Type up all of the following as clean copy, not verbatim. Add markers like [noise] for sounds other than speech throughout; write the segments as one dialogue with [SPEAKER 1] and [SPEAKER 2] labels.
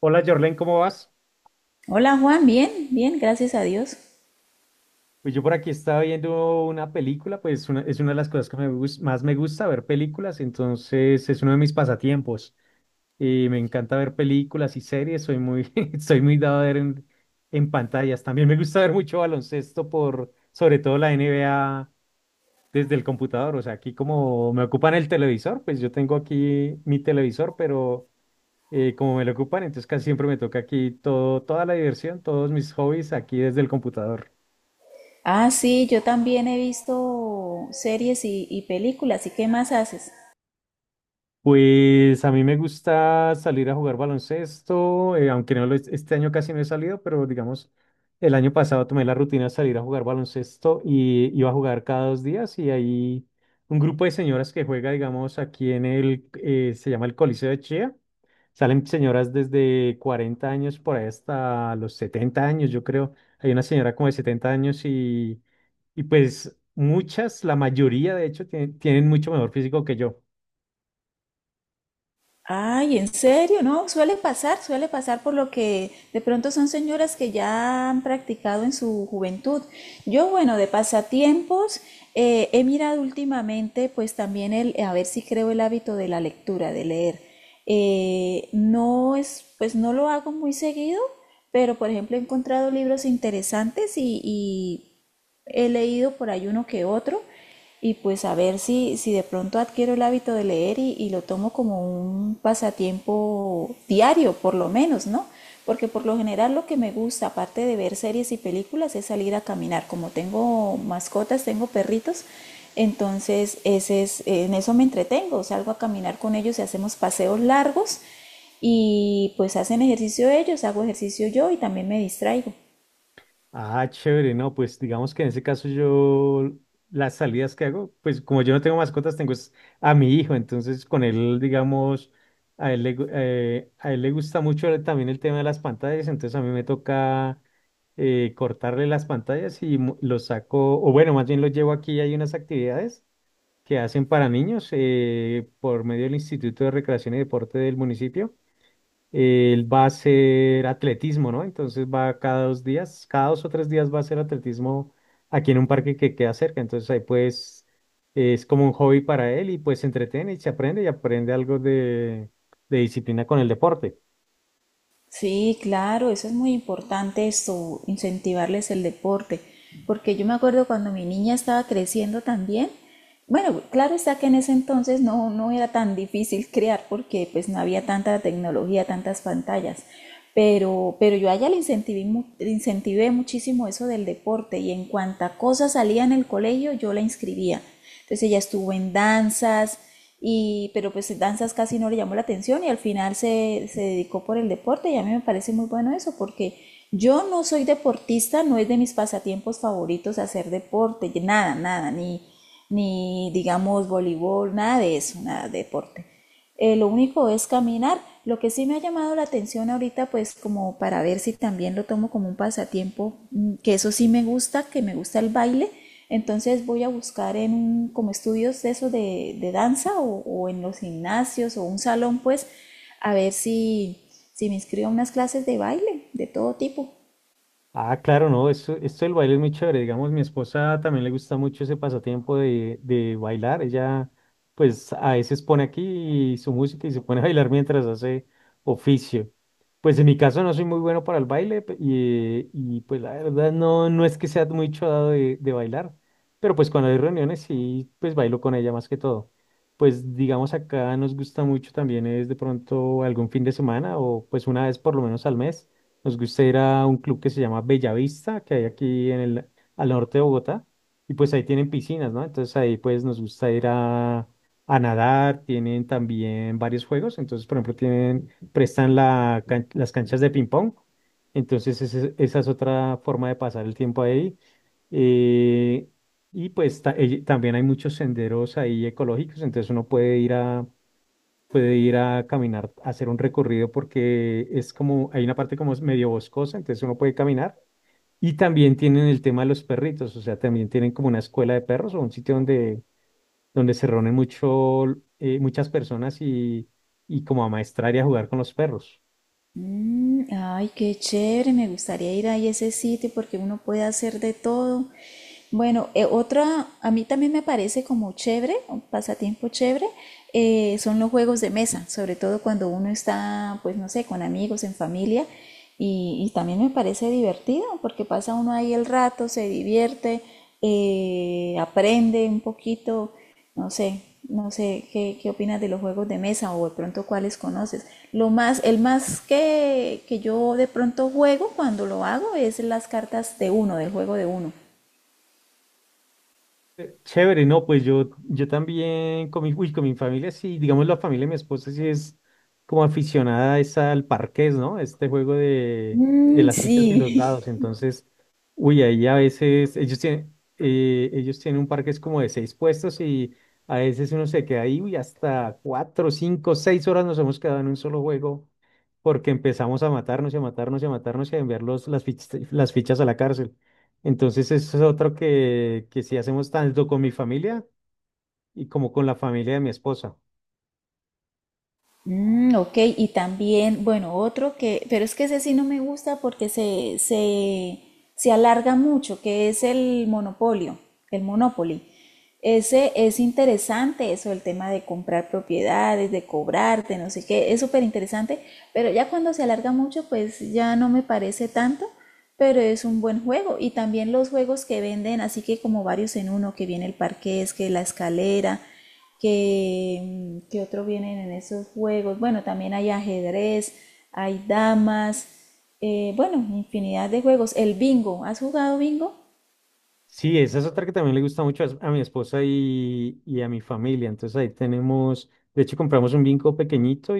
[SPEAKER 1] Hola Jorlen, ¿cómo vas?
[SPEAKER 2] Hola Juan, bien, bien, gracias a Dios.
[SPEAKER 1] Pues yo por aquí estaba viendo una película, pues es una de las cosas que más me gusta ver películas, entonces es uno de mis pasatiempos. Y me encanta ver películas y series, soy muy, [laughs] soy muy dado a ver en, pantallas. También me gusta ver mucho baloncesto por, sobre todo la NBA desde el computador. O sea, aquí como me ocupan el televisor, pues yo tengo aquí mi televisor, pero como me lo ocupan, entonces casi siempre me toca aquí todo, toda la diversión, todos mis hobbies aquí desde el computador.
[SPEAKER 2] Ah, sí, yo también he visto series y películas. ¿Y qué más haces?
[SPEAKER 1] Pues a mí me gusta salir a jugar baloncesto, aunque no lo he- este año casi no he salido, pero digamos, el año pasado tomé la rutina de salir a jugar baloncesto y iba a jugar cada 2 días y hay un grupo de señoras que juega, digamos, aquí en se llama el Coliseo de Chía. Salen señoras desde 40 años por ahí hasta los 70 años, yo creo. Hay una señora como de 70 años y pues muchas, la mayoría de hecho, tienen mucho mejor físico que yo.
[SPEAKER 2] Ay, ¿en serio? No, suele pasar por lo que de pronto son señoras que ya han practicado en su juventud. Yo, bueno, de pasatiempos, he mirado últimamente, pues también el, a ver si creo el hábito de la lectura, de leer. No es, pues no lo hago muy seguido, pero por ejemplo he encontrado libros interesantes y, he leído por ahí uno que otro y pues a ver si, si de pronto adquiero el hábito de leer y lo tomo como un pasatiempo diario, por lo menos, ¿no? Porque por lo general lo que me gusta, aparte de ver series y películas, es salir a caminar. Como tengo mascotas, tengo perritos, entonces ese es, en eso me entretengo. Salgo a caminar con ellos y hacemos paseos largos y pues hacen ejercicio ellos, hago ejercicio yo y también me distraigo.
[SPEAKER 1] Ah, chévere, no, pues digamos que en ese caso yo las salidas que hago, pues como yo no tengo mascotas, tengo es a mi hijo, entonces con él, digamos, a él le gusta mucho también el tema de las pantallas, entonces a mí me toca cortarle las pantallas y los saco, o bueno, más bien los llevo aquí, hay unas actividades que hacen para niños por medio del Instituto de Recreación y Deporte del municipio. Él va a hacer atletismo, ¿no? Entonces va cada 2 días, cada 2 o 3 días va a hacer atletismo aquí en un parque que queda cerca. Entonces ahí pues es como un hobby para él y pues se entretiene y se aprende y aprende algo de disciplina con el deporte.
[SPEAKER 2] Sí, claro, eso es muy importante, eso, incentivarles el deporte, porque yo me acuerdo cuando mi niña estaba creciendo también, bueno, claro está que en ese entonces no, no era tan difícil crear porque pues no había tanta tecnología, tantas pantallas, pero yo a ella le incentivé, le incentivé muchísimo eso del deporte y en cuanta cosa salía en el colegio yo la inscribía. Entonces ella estuvo en danzas, y, pero pues danzas casi no le llamó la atención y al final se, se dedicó por el deporte y a mí me parece muy bueno eso porque yo no soy deportista, no es de mis pasatiempos favoritos hacer deporte, nada, nada, ni, ni digamos voleibol, nada de eso, nada de deporte. Lo único es caminar. Lo que sí me ha llamado la atención ahorita, pues como para ver si también lo tomo como un pasatiempo, mm, que eso sí me gusta, que me gusta el baile. Entonces voy a buscar como estudios de eso de danza o en los gimnasios o un salón, pues a ver si, si me inscribo a unas clases de baile de todo tipo.
[SPEAKER 1] Ah, claro, no, esto del baile es muy chévere. Digamos, mi esposa también le gusta mucho ese pasatiempo de bailar. Ella, pues, a veces pone aquí su música y se pone a bailar mientras hace oficio. Pues en mi caso no soy muy bueno para el baile y, pues la verdad no, no es que sea muy chodado de bailar, pero pues cuando hay reuniones sí, pues bailo con ella más que todo. Pues digamos acá nos gusta mucho también es de pronto algún fin de semana o pues una vez por lo menos al mes nos gusta ir a un club que se llama Bellavista, que hay aquí en al norte de Bogotá, y pues ahí tienen piscinas, ¿no? Entonces ahí pues nos gusta ir a nadar, tienen también varios juegos, entonces por ejemplo prestan las canchas de ping pong, entonces esa es otra forma de pasar el tiempo ahí. Eh, También hay muchos senderos ahí ecológicos, entonces uno puede ir puede ir a caminar, a hacer un recorrido porque es como, hay una parte como es medio boscosa, entonces uno puede caminar. Y también tienen el tema de los perritos, o sea, también tienen como una escuela de perros o un sitio donde se reúnen mucho, muchas personas y, como a maestrar y a jugar con los perros.
[SPEAKER 2] Mm, ay, qué chévere, me gustaría ir ahí a ese sitio porque uno puede hacer de todo. Bueno, otra, a mí también me parece como chévere, un pasatiempo chévere, son los juegos de mesa, sobre todo cuando uno está, pues no sé, con amigos, en familia, y también me parece divertido porque pasa uno ahí el rato, se divierte, aprende un poquito. No sé, no sé qué, qué opinas de los juegos de mesa o de pronto cuáles conoces. Lo más, el más que yo de pronto juego cuando lo hago es las cartas de uno, del juego de uno.
[SPEAKER 1] Chévere, no, pues yo, también con uy, con mi familia, sí, digamos la familia de mi esposa sí es como aficionada es al parqués, ¿no? Este juego de
[SPEAKER 2] Mm,
[SPEAKER 1] las
[SPEAKER 2] sí.
[SPEAKER 1] fichas y los dados. Entonces, uy, ahí a veces ellos tienen un parqués como de seis puestos y a veces uno se queda ahí, uy, hasta 4, 5, 6 horas nos hemos quedado en un solo juego porque empezamos a matarnos y a matarnos y a matarnos y a enviar las fichas, a la cárcel. Entonces, eso es otro que sí hacemos tanto con mi familia y como con la familia de mi esposa.
[SPEAKER 2] Mm, ok, y también, bueno, otro que, pero es que ese sí no me gusta porque se alarga mucho, que es el monopolio, el Monopoly. Ese es interesante, eso, el tema de comprar propiedades, de cobrarte, no sé qué, es súper interesante, pero ya cuando se alarga mucho, pues ya no me parece tanto, pero es un buen juego. Y también los juegos que venden, así que como varios en uno, que viene el parqués, que la escalera, que, mm, que otro vienen en esos juegos. Bueno, también hay ajedrez, hay damas, bueno, infinidad de juegos. El bingo, ¿has jugado bingo?
[SPEAKER 1] Sí, esa es otra que también le gusta mucho a mi esposa y, a mi familia. Entonces ahí tenemos, de hecho compramos un vinco pequeñito.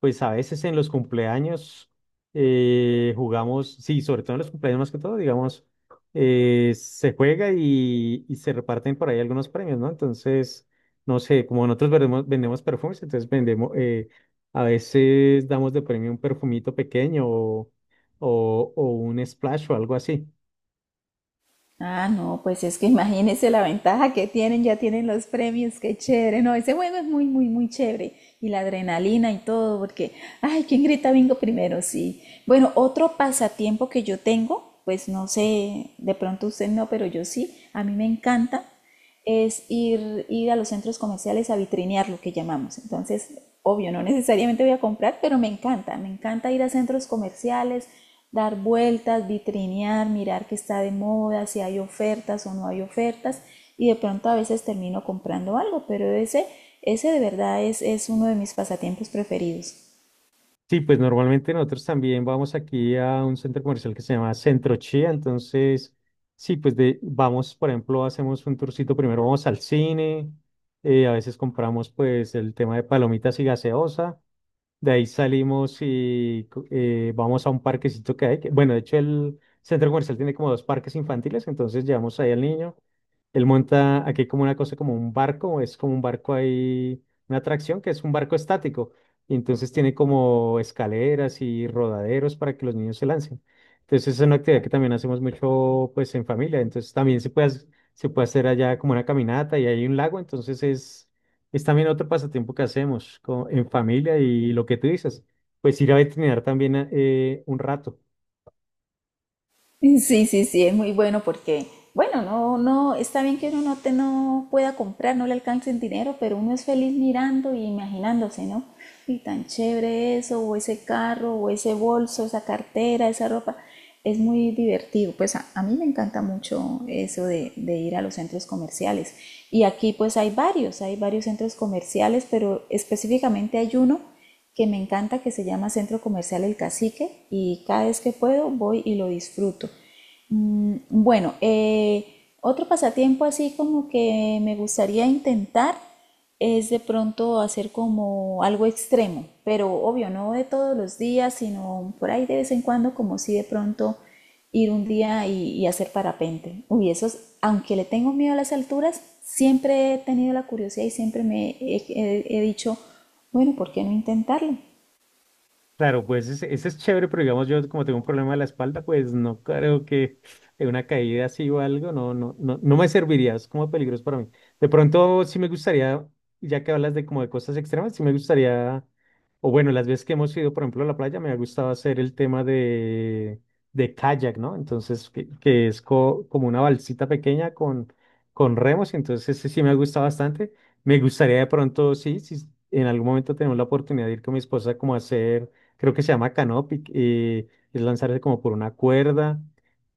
[SPEAKER 1] Pues a veces en los cumpleaños jugamos, sí, sobre todo en los cumpleaños más que todo, digamos, se juega y, se reparten por ahí algunos premios, ¿no? Entonces, no sé, como nosotros vendemos perfumes, entonces vendemos, a veces damos de premio un perfumito pequeño o un splash o algo así.
[SPEAKER 2] Ah, no, pues es que [laughs] imagínense la ventaja que tienen, ya tienen los premios, qué chévere. No, ese juego es muy, muy, muy chévere. Y la adrenalina y todo, porque, ay, ¿quién grita bingo primero? Sí. Bueno, otro pasatiempo que yo tengo, pues no sé, de pronto usted no, pero yo sí, a mí me encanta es ir, ir a los centros comerciales a vitrinear lo que llamamos. Entonces, obvio, no necesariamente voy a comprar, pero me encanta ir a centros comerciales, dar vueltas, vitrinear, mirar qué está de moda, si hay ofertas o no hay ofertas, y de pronto a veces termino comprando algo, pero ese de verdad es uno de mis pasatiempos preferidos.
[SPEAKER 1] Sí, pues normalmente nosotros también vamos aquí a un centro comercial que se llama Centro Chía, entonces sí, pues vamos, por ejemplo, hacemos un tourcito, primero vamos al cine, a veces compramos pues el tema de palomitas y gaseosa, de ahí salimos y vamos a un parquecito que hay, bueno, de hecho el centro comercial tiene como dos parques infantiles, entonces llevamos ahí al niño, él monta aquí como una cosa, como un barco, es como un barco ahí, una atracción que es un barco estático. Y entonces tiene como escaleras y rodaderos para que los niños se lancen. Entonces es una actividad que también hacemos mucho pues en familia. Entonces también se puede, se puede hacer allá como una caminata y hay un lago. Entonces es también otro pasatiempo que hacemos en familia y lo que tú dices, pues ir a veterinar también un rato.
[SPEAKER 2] [laughs] Sí, sí, sí, es muy bueno porque, bueno, no, no, está bien que uno no, te, no pueda comprar, no le alcance el dinero, pero uno es feliz mirando y imaginándose, ¿no? Y tan chévere eso, o ese carro, o ese bolso, esa cartera, esa ropa. Es muy divertido. Pues a mí me encanta mucho eso de ir a los centros comerciales. Y aquí pues hay varios centros comerciales, pero específicamente hay uno que me encanta, que se llama Centro Comercial El Cacique, y cada vez que puedo voy y lo disfruto. Mm, bueno, otro pasatiempo así como que me gustaría intentar es de pronto hacer como algo extremo, pero obvio, no de todos los días, sino por ahí de vez en cuando, como si de pronto ir un día y hacer parapente. Uy, eso es- aunque le tengo miedo a las alturas, siempre he tenido la curiosidad y siempre me he, he dicho, bueno, ¿por qué no intentarlo?
[SPEAKER 1] Claro, pues ese es chévere, pero digamos yo como tengo un problema de la espalda, pues no creo que de una caída así o algo, no, no, no, no me serviría, es como peligroso para mí. De pronto sí me gustaría, ya que hablas de como de cosas extremas, sí me gustaría, o bueno, las veces que hemos ido, por ejemplo, a la playa, me ha gustado hacer el tema de kayak, ¿no? Entonces, que es como una balsita pequeña con remos, entonces ese sí me ha gustado bastante. Me gustaría de pronto, sí, si en algún momento tenemos la oportunidad de ir con mi esposa como a hacer creo que se llama Canopy, es lanzarse como por una cuerda.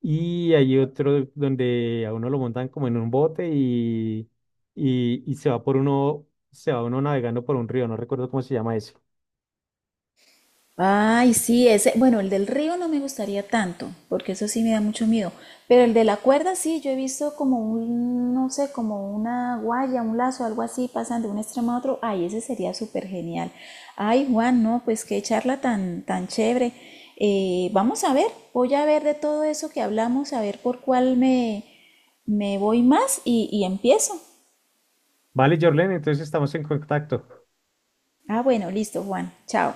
[SPEAKER 1] Y hay otro donde a uno lo montan como en un bote y, y se va se va uno navegando por un río, no recuerdo cómo se llama eso.
[SPEAKER 2] Ay, sí, ese, bueno, el del río no me gustaría tanto, porque eso sí me da mucho miedo, pero el de la cuerda sí, yo he visto como un, no sé, como una guaya, un lazo, algo así, pasan de un extremo a otro, ay, ese sería súper genial. Ay, Juan, no, pues qué charla tan, tan chévere. Vamos a ver, voy a ver de todo eso que hablamos, a ver por cuál me, me voy más y empiezo.
[SPEAKER 1] Vale, Jorlen, entonces estamos en contacto.
[SPEAKER 2] Ah, bueno, listo, Juan, chao.